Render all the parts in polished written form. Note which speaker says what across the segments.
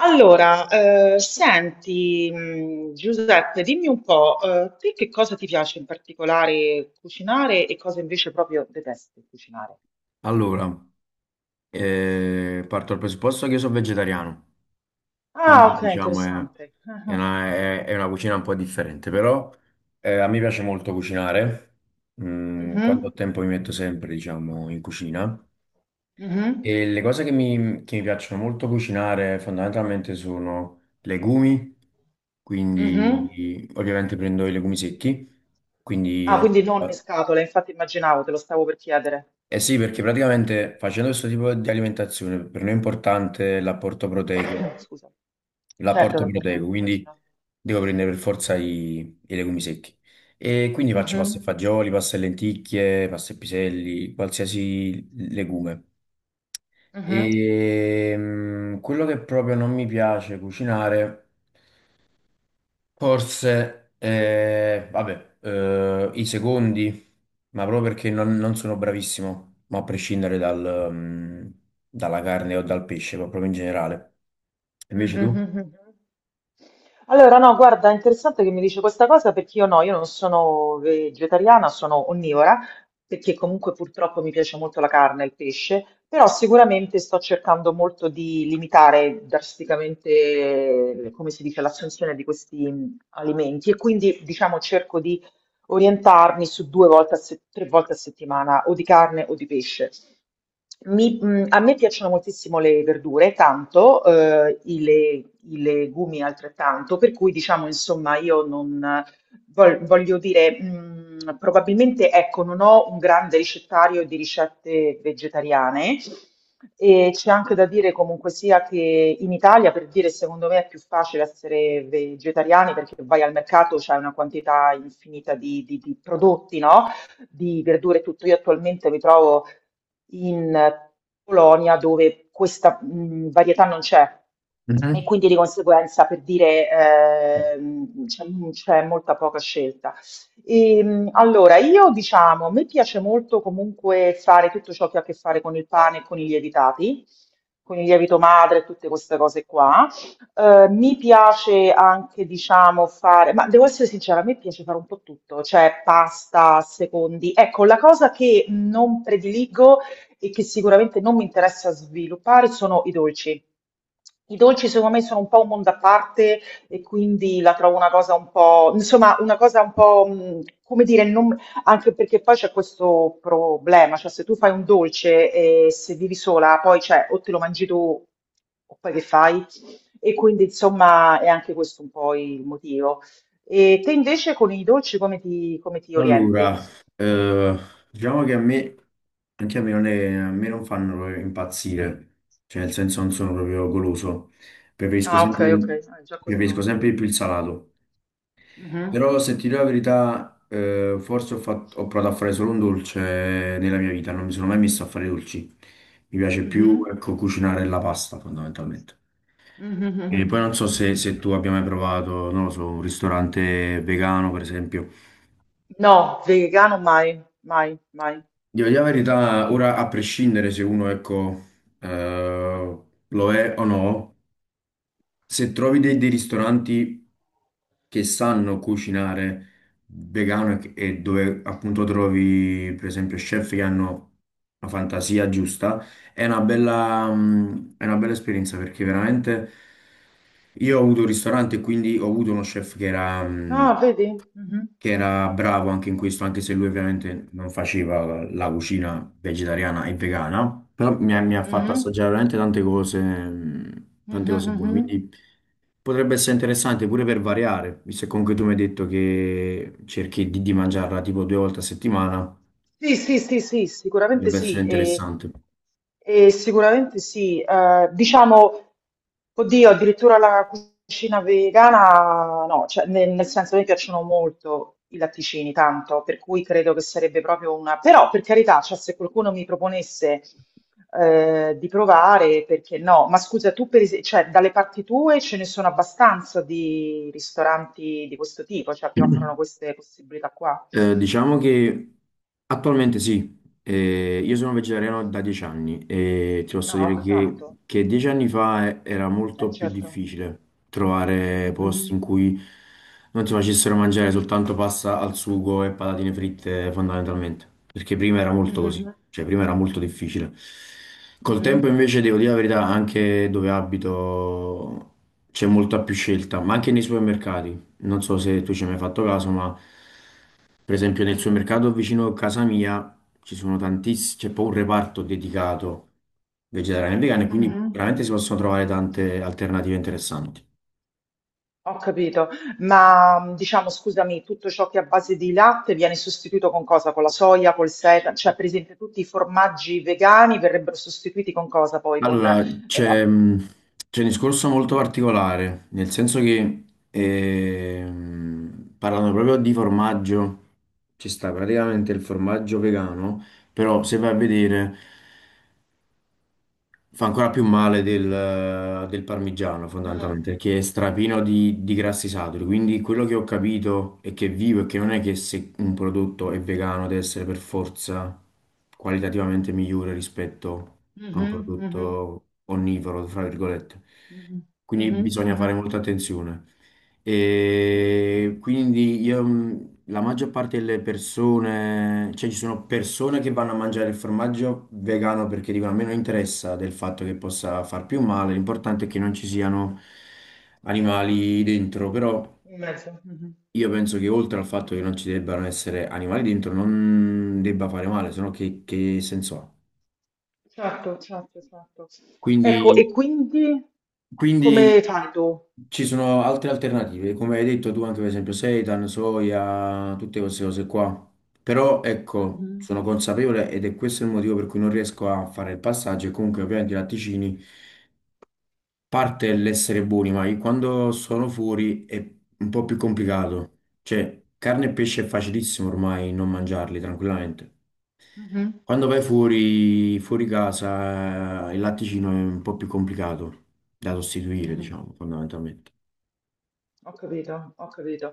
Speaker 1: Allora, senti, Giuseppe, dimmi un po', te che cosa ti piace in particolare cucinare e cosa invece proprio detesti cucinare?
Speaker 2: Allora, parto dal presupposto che io sono vegetariano,
Speaker 1: Ah,
Speaker 2: quindi
Speaker 1: ok,
Speaker 2: diciamo
Speaker 1: interessante. Ah, ah.
Speaker 2: è una cucina un po' differente. Però a me piace molto cucinare. Quando ho
Speaker 1: Mhm,
Speaker 2: tempo mi metto sempre, diciamo, in cucina
Speaker 1: mhm,
Speaker 2: e le cose che che mi piacciono molto cucinare fondamentalmente sono legumi,
Speaker 1: mhm.
Speaker 2: quindi ovviamente prendo i legumi secchi, quindi
Speaker 1: Ah,
Speaker 2: no.
Speaker 1: quindi non in scatola, infatti immaginavo, te lo stavo per chiedere.
Speaker 2: Eh sì, perché praticamente facendo questo tipo di alimentazione per noi è importante l'apporto proteico,
Speaker 1: Scusa. Certo, che è importante,
Speaker 2: quindi
Speaker 1: immagino.
Speaker 2: devo prendere per forza i legumi secchi. E quindi faccio pasta e
Speaker 1: Mhm,
Speaker 2: fagioli, pasta e lenticchie, pasta e piselli, qualsiasi legume.
Speaker 1: mhm.
Speaker 2: E quello che proprio non mi piace cucinare, forse, vabbè, i secondi, ma proprio perché non sono bravissimo, ma a prescindere dalla carne o dal pesce, ma proprio in generale.
Speaker 1: Mhm,
Speaker 2: Invece tu?
Speaker 1: mhm, mhm. Allora, no, guarda, è interessante che mi dice questa cosa perché io no, io non sono vegetariana, sono onnivora, perché comunque purtroppo mi piace molto la carne e il pesce, però sicuramente sto cercando molto di limitare drasticamente, come si dice, l'assunzione di questi alimenti e quindi diciamo cerco di orientarmi su due volte a se- tre volte a settimana o di carne o di pesce. A me piacciono moltissimo le verdure, tanto, i legumi altrettanto, per cui diciamo, insomma, io non voglio dire, probabilmente, ecco, non ho un grande ricettario di ricette vegetariane e c'è anche da dire comunque sia che in Italia, per dire, secondo me è più facile essere vegetariani perché vai al mercato, c'è una quantità infinita di prodotti, no? Di verdure e tutto. Io attualmente mi trovo in Polonia dove questa varietà non c'è e
Speaker 2: Mhm.
Speaker 1: quindi di conseguenza per dire c'è molta poca scelta. Allora, io diciamo, a me piace molto comunque fare tutto ciò che ha a che fare con il pane e con i lievitati, con il lievito madre e tutte queste cose qua. Mi piace anche, diciamo, fare, ma devo essere sincera, a me piace fare un po' tutto, cioè pasta, secondi. Ecco, la cosa che non prediligo e che sicuramente non mi interessa sviluppare sono i dolci. I dolci secondo me sono un po' un mondo a parte e quindi la trovo una cosa un po', insomma, una cosa un po', come dire, anche perché poi c'è questo problema, cioè se tu fai un dolce e se vivi sola, poi cioè, o te lo mangi tu o poi che fai? E quindi insomma è anche questo un po' il motivo. E te invece con i dolci come ti orienti?
Speaker 2: Allora, eh, diciamo che anche a me non, è- a me non fanno proprio impazzire, cioè nel senso non sono proprio goloso, preferisco
Speaker 1: Ah, ok,
Speaker 2: sempre,
Speaker 1: ok, ah, già
Speaker 2: preferisco
Speaker 1: questo.
Speaker 2: sempre
Speaker 1: Mm.
Speaker 2: di più il salato.
Speaker 1: Mhm,
Speaker 2: Però se ti dico la verità, forse ho provato a fare solo un dolce nella mia vita, non mi sono mai messo a fare dolci. Mi piace più,
Speaker 1: mhm,
Speaker 2: ecco, cucinare la pasta fondamentalmente.
Speaker 1: mhm, mhm,
Speaker 2: E poi non
Speaker 1: mhm.
Speaker 2: so se tu abbia mai provato, non lo so, un ristorante vegano, per esempio.
Speaker 1: No, vegano mai, mai, mai.
Speaker 2: Devo dire la verità, ora a prescindere se uno, ecco, eh, lo è o no, se trovi dei ristoranti che sanno cucinare vegano e dove appunto trovi per esempio chef che hanno la fantasia giusta, è una è una bella esperienza, perché veramente io ho avuto un ristorante e quindi ho avuto uno chef
Speaker 1: No, vedi? Mhm,
Speaker 2: che era bravo anche in questo, anche se lui ovviamente non faceva la cucina vegetariana e vegana, però mi ha fatto
Speaker 1: mhm,
Speaker 2: assaggiare veramente
Speaker 1: mhm,
Speaker 2: tante cose buone.
Speaker 1: mhm.
Speaker 2: Quindi potrebbe essere interessante pure per variare, visto che comunque tu mi hai detto che cerchi di mangiarla tipo due volte a settimana,
Speaker 1: Sì, sì, sì, sì, sicuramente
Speaker 2: potrebbe essere
Speaker 1: sì, e,
Speaker 2: interessante.
Speaker 1: e sicuramente sì. Diciamo, oddio, addirittura la cucina vegana, no, cioè, nel senso mi piacciono molto i latticini, tanto, per cui credo che sarebbe proprio una. Però, per carità, cioè, se qualcuno mi proponesse di provare, perché no? Ma scusa, tu per esempio, cioè, dalle parti tue ce ne sono abbastanza di ristoranti di questo tipo, cioè, che offrono queste possibilità qua?
Speaker 2: Diciamo che attualmente sì. Io sono vegetariano da 10 anni e ti posso dire
Speaker 1: No, tanto.
Speaker 2: che 10 anni fa era
Speaker 1: Eh
Speaker 2: molto più
Speaker 1: certo.
Speaker 2: difficile trovare posti
Speaker 1: Mhm,
Speaker 2: in cui non ti facessero mangiare soltanto pasta al sugo e patatine fritte fondamentalmente, perché prima era molto così,
Speaker 1: mhm,
Speaker 2: cioè prima era molto difficile. Col tempo
Speaker 1: mhm,
Speaker 2: invece devo dire la verità, anche dove abito c'è molta più scelta, ma anche nei supermercati, non so se tu ci hai mai fatto caso, ma... Per esempio nel supermercato vicino a casa mia ci sono tantissimi, c'è poi un reparto dedicato vegetariano e vegano, e quindi
Speaker 1: mhm.
Speaker 2: veramente si possono trovare tante alternative interessanti.
Speaker 1: Ho capito, ma diciamo, scusami, tutto ciò che è a base di latte viene sostituito con cosa? Con la soia, col seta? Cioè, per esempio, tutti i formaggi vegani verrebbero sostituiti con cosa poi? Con.
Speaker 2: Allora, c'è c'è un discorso molto particolare, nel senso che parlando proprio di formaggio, ci sta praticamente il formaggio vegano, però se vai a vedere... Fa ancora più male del parmigiano,
Speaker 1: Mm,
Speaker 2: fondamentalmente, che è strapino di grassi saturi. Quindi quello che ho capito è che è vivo e che non è che se un prodotto è vegano deve essere per forza qualitativamente migliore rispetto a un
Speaker 1: mhm, mhm,
Speaker 2: prodotto onnivoro, fra virgolette.
Speaker 1: mhm,
Speaker 2: Quindi
Speaker 1: mhm,
Speaker 2: bisogna
Speaker 1: mhm.
Speaker 2: fare molta attenzione. E quindi io, la maggior parte delle persone, cioè ci sono persone che vanno a mangiare il formaggio vegano perché dicono a me non interessa del fatto che possa far più male, l'importante è che non ci siano animali dentro, però
Speaker 1: In mezzo. Mhm.
Speaker 2: io penso che oltre al fatto che non ci debbano essere animali dentro non debba fare male, se no che senso ha? Mm.
Speaker 1: Certo, certo, certo. Ecco,
Speaker 2: Quindi
Speaker 1: e quindi
Speaker 2: Quindi
Speaker 1: come fai tu?
Speaker 2: ci sono altre alternative, come hai detto tu anche per esempio seitan, soia, tutte queste cose qua. Però ecco,
Speaker 1: Mhm,
Speaker 2: sono consapevole ed è questo il motivo per cui non riesco a fare il passaggio e comunque ovviamente i latticini parte l'essere buoni, ma io quando sono fuori è un po' più complicato. Cioè, carne e pesce è facilissimo ormai non mangiarli tranquillamente.
Speaker 1: mhm,
Speaker 2: Quando vai fuori, fuori casa, il latticino è un po' più complicato da sostituire,
Speaker 1: mhm.
Speaker 2: diciamo, fondamentalmente.
Speaker 1: Ho capito, ho capito.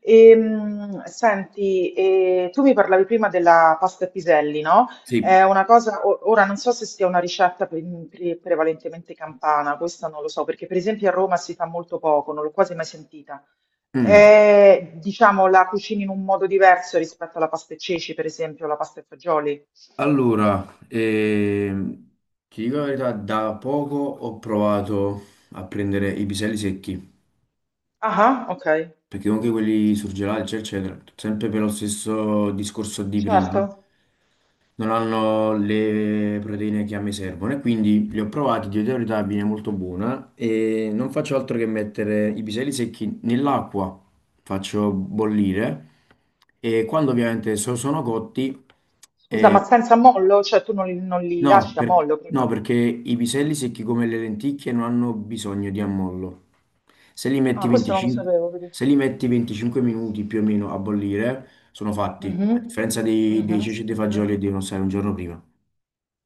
Speaker 1: Senti, tu mi parlavi prima della pasta e piselli, no?
Speaker 2: Sì.
Speaker 1: È una cosa, ora non so se sia una ricetta prevalentemente campana, questa non lo so, perché per esempio a Roma si fa molto poco, non l'ho quasi mai sentita.
Speaker 2: Mm.
Speaker 1: È, diciamo, la cucini in un modo diverso rispetto alla pasta e ceci, per esempio, la pasta e fagioli.
Speaker 2: Allora, ti dico la verità, da poco ho provato a prendere i piselli secchi,
Speaker 1: Ah, ah, ok,
Speaker 2: perché comunque quelli surgelati, eccetera, eccetera, sempre per lo stesso discorso di prima,
Speaker 1: certo.
Speaker 2: non hanno le proteine che a me servono e quindi li ho provati, di verità viene molto buona e non faccio altro che mettere i piselli secchi nell'acqua, faccio bollire e quando ovviamente sono cotti.
Speaker 1: Scusa, ma senza mollo? Cioè tu non li
Speaker 2: No,
Speaker 1: lasci a mollo
Speaker 2: no,
Speaker 1: prima?
Speaker 2: perché i piselli secchi come le lenticchie non hanno bisogno di ammollo. Se li metti
Speaker 1: Ah, questo non lo
Speaker 2: 25,
Speaker 1: sapevo.
Speaker 2: Se li metti 25 minuti più o meno a bollire, sono fatti, a
Speaker 1: Mhm,
Speaker 2: differenza dei
Speaker 1: mhm,
Speaker 2: ceci e dei
Speaker 1: mhm,
Speaker 2: fagioli che devono stare un giorno prima.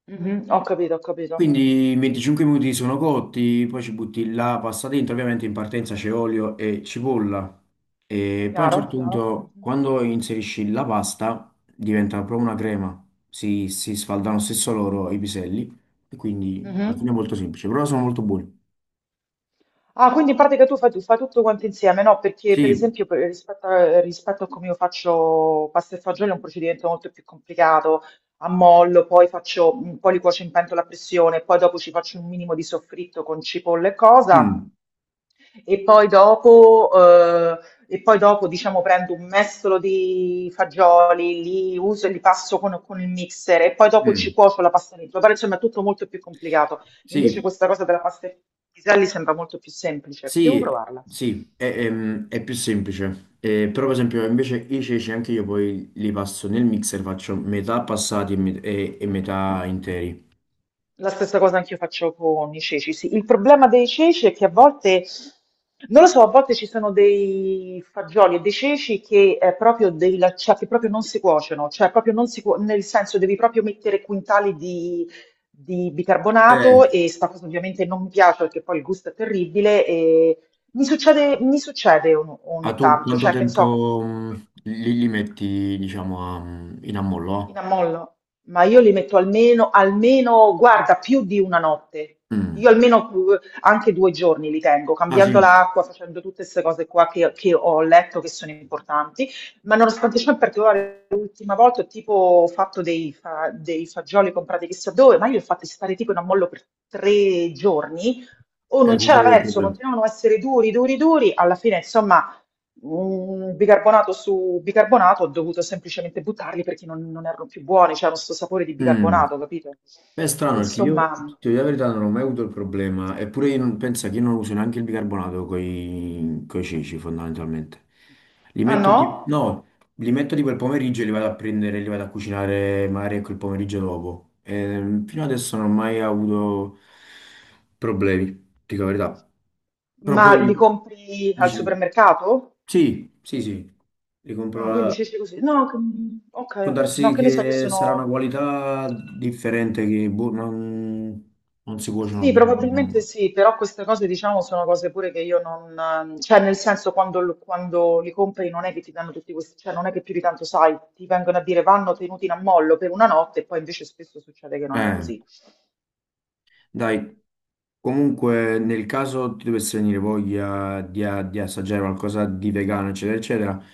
Speaker 1: mhm. Ho capito, ho capito.
Speaker 2: Quindi 25 minuti sono cotti, poi ci butti la pasta dentro, ovviamente in partenza c'è olio e cipolla. E poi a un
Speaker 1: Chiaro,
Speaker 2: certo
Speaker 1: chiaro.
Speaker 2: punto,
Speaker 1: Mhm,
Speaker 2: quando inserisci la pasta, diventa proprio una crema. Si sfaldano stesso loro i piselli e quindi alla fine è
Speaker 1: mhm.
Speaker 2: molto semplice, però sono molto buoni.
Speaker 1: Ah, quindi in pratica tu fai tutto quanto insieme, no? Perché per
Speaker 2: Sì.
Speaker 1: esempio rispetto a come io faccio pasta e fagioli è un procedimento molto più complicato, ammollo, poi faccio, poi li cuocio in pentola a pressione, poi dopo ci faccio un minimo di soffritto con cipolla e cosa.
Speaker 2: Mm,
Speaker 1: E poi dopo, ehm, e poi dopo diciamo prendo un mestolo di fagioli, li uso e li passo con il mixer e poi dopo ci
Speaker 2: mm.
Speaker 1: cuocio la pasta dentro, però insomma è tutto molto più complicato. Invece
Speaker 2: Sì,
Speaker 1: questa cosa della pasta ai piselli sembra molto più semplice, devo provarla.
Speaker 2: Sì, è più semplice. Però, per esempio, invece i ceci anche io poi li passo nel mixer, faccio metà passati e metà interi.
Speaker 1: La stessa cosa anch'io faccio con i ceci, sì. Il problema dei ceci è che a volte, non lo so, a volte ci sono dei fagioli e dei ceci che, è proprio cioè, che proprio non si cuociono, cioè proprio non si cuo- nel senso devi proprio mettere quintali di
Speaker 2: Eh,
Speaker 1: bicarbonato e sta cosa ovviamente non mi piace perché poi il gusto è terribile e mi succede
Speaker 2: a
Speaker 1: ogni
Speaker 2: tu
Speaker 1: tanto,
Speaker 2: quanto
Speaker 1: cioè che ne so.
Speaker 2: tempo li metti, diciamo, in ammollo?
Speaker 1: In
Speaker 2: Ah?
Speaker 1: ammollo, ma io li metto almeno, almeno, guarda, più di una notte. Io
Speaker 2: Mm.
Speaker 1: almeno anche due giorni li tengo,
Speaker 2: Ah sì,
Speaker 1: cambiando l'acqua, facendo tutte queste cose qua che ho letto che sono importanti. Ma nonostante ciò, in particolare, l'ultima volta ho tipo fatto dei fagioli comprati chissà dove, ma io li ho fatti stare tipo in ammollo per tre giorni. O
Speaker 2: è
Speaker 1: non
Speaker 2: con
Speaker 1: c'era
Speaker 2: quello è il
Speaker 1: verso,
Speaker 2: problema.
Speaker 1: continuavano a essere duri, duri, duri. Alla fine, insomma, bicarbonato su bicarbonato, ho dovuto semplicemente buttarli perché non erano più buoni, c'era questo sapore di
Speaker 2: Mm.
Speaker 1: bicarbonato, capito?
Speaker 2: Beh, è strano
Speaker 1: Quindi
Speaker 2: perché
Speaker 1: insomma,
Speaker 2: ti dico la verità, non ho mai avuto il problema, eppure io non, penso che io non uso neanche il bicarbonato con i ceci fondamentalmente. Li
Speaker 1: ah
Speaker 2: metto,
Speaker 1: no?
Speaker 2: tipo, no, li metto tipo il pomeriggio e li vado a prendere, li vado a cucinare magari ecco il pomeriggio dopo. Fino adesso non ho mai avuto problemi, ti dico la verità. Però
Speaker 1: Ma li
Speaker 2: poi
Speaker 1: compri al
Speaker 2: dici,
Speaker 1: supermercato?
Speaker 2: sì, sì, sì, li compro,
Speaker 1: Ah, quindi
Speaker 2: la-
Speaker 1: c'è così. No,
Speaker 2: Può
Speaker 1: ok, ok. No,
Speaker 2: darsi
Speaker 1: che ne so, io
Speaker 2: che sarà una
Speaker 1: sono.
Speaker 2: qualità differente che boh, non, non si cuociono
Speaker 1: Sì,
Speaker 2: bene,
Speaker 1: probabilmente
Speaker 2: diciamo.
Speaker 1: sì, però queste cose diciamo sono cose pure che io non. Cioè nel senso quando li compri non è che ti danno tutti questi. Cioè non è che più di tanto sai, ti vengono a dire vanno tenuti in ammollo per una notte e poi invece spesso succede che non è
Speaker 2: Eh,
Speaker 1: così.
Speaker 2: dai, comunque nel caso ti dovesse venire voglia di assaggiare qualcosa di vegano, eccetera, eccetera,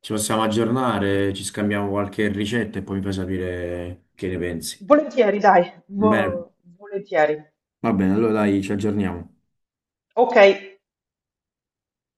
Speaker 2: ci possiamo aggiornare, ci scambiamo qualche ricetta e poi mi fai sapere che ne pensi.
Speaker 1: Volentieri, dai,
Speaker 2: Va bene,
Speaker 1: volentieri.
Speaker 2: va bene, allora dai, ci aggiorniamo.
Speaker 1: Ok.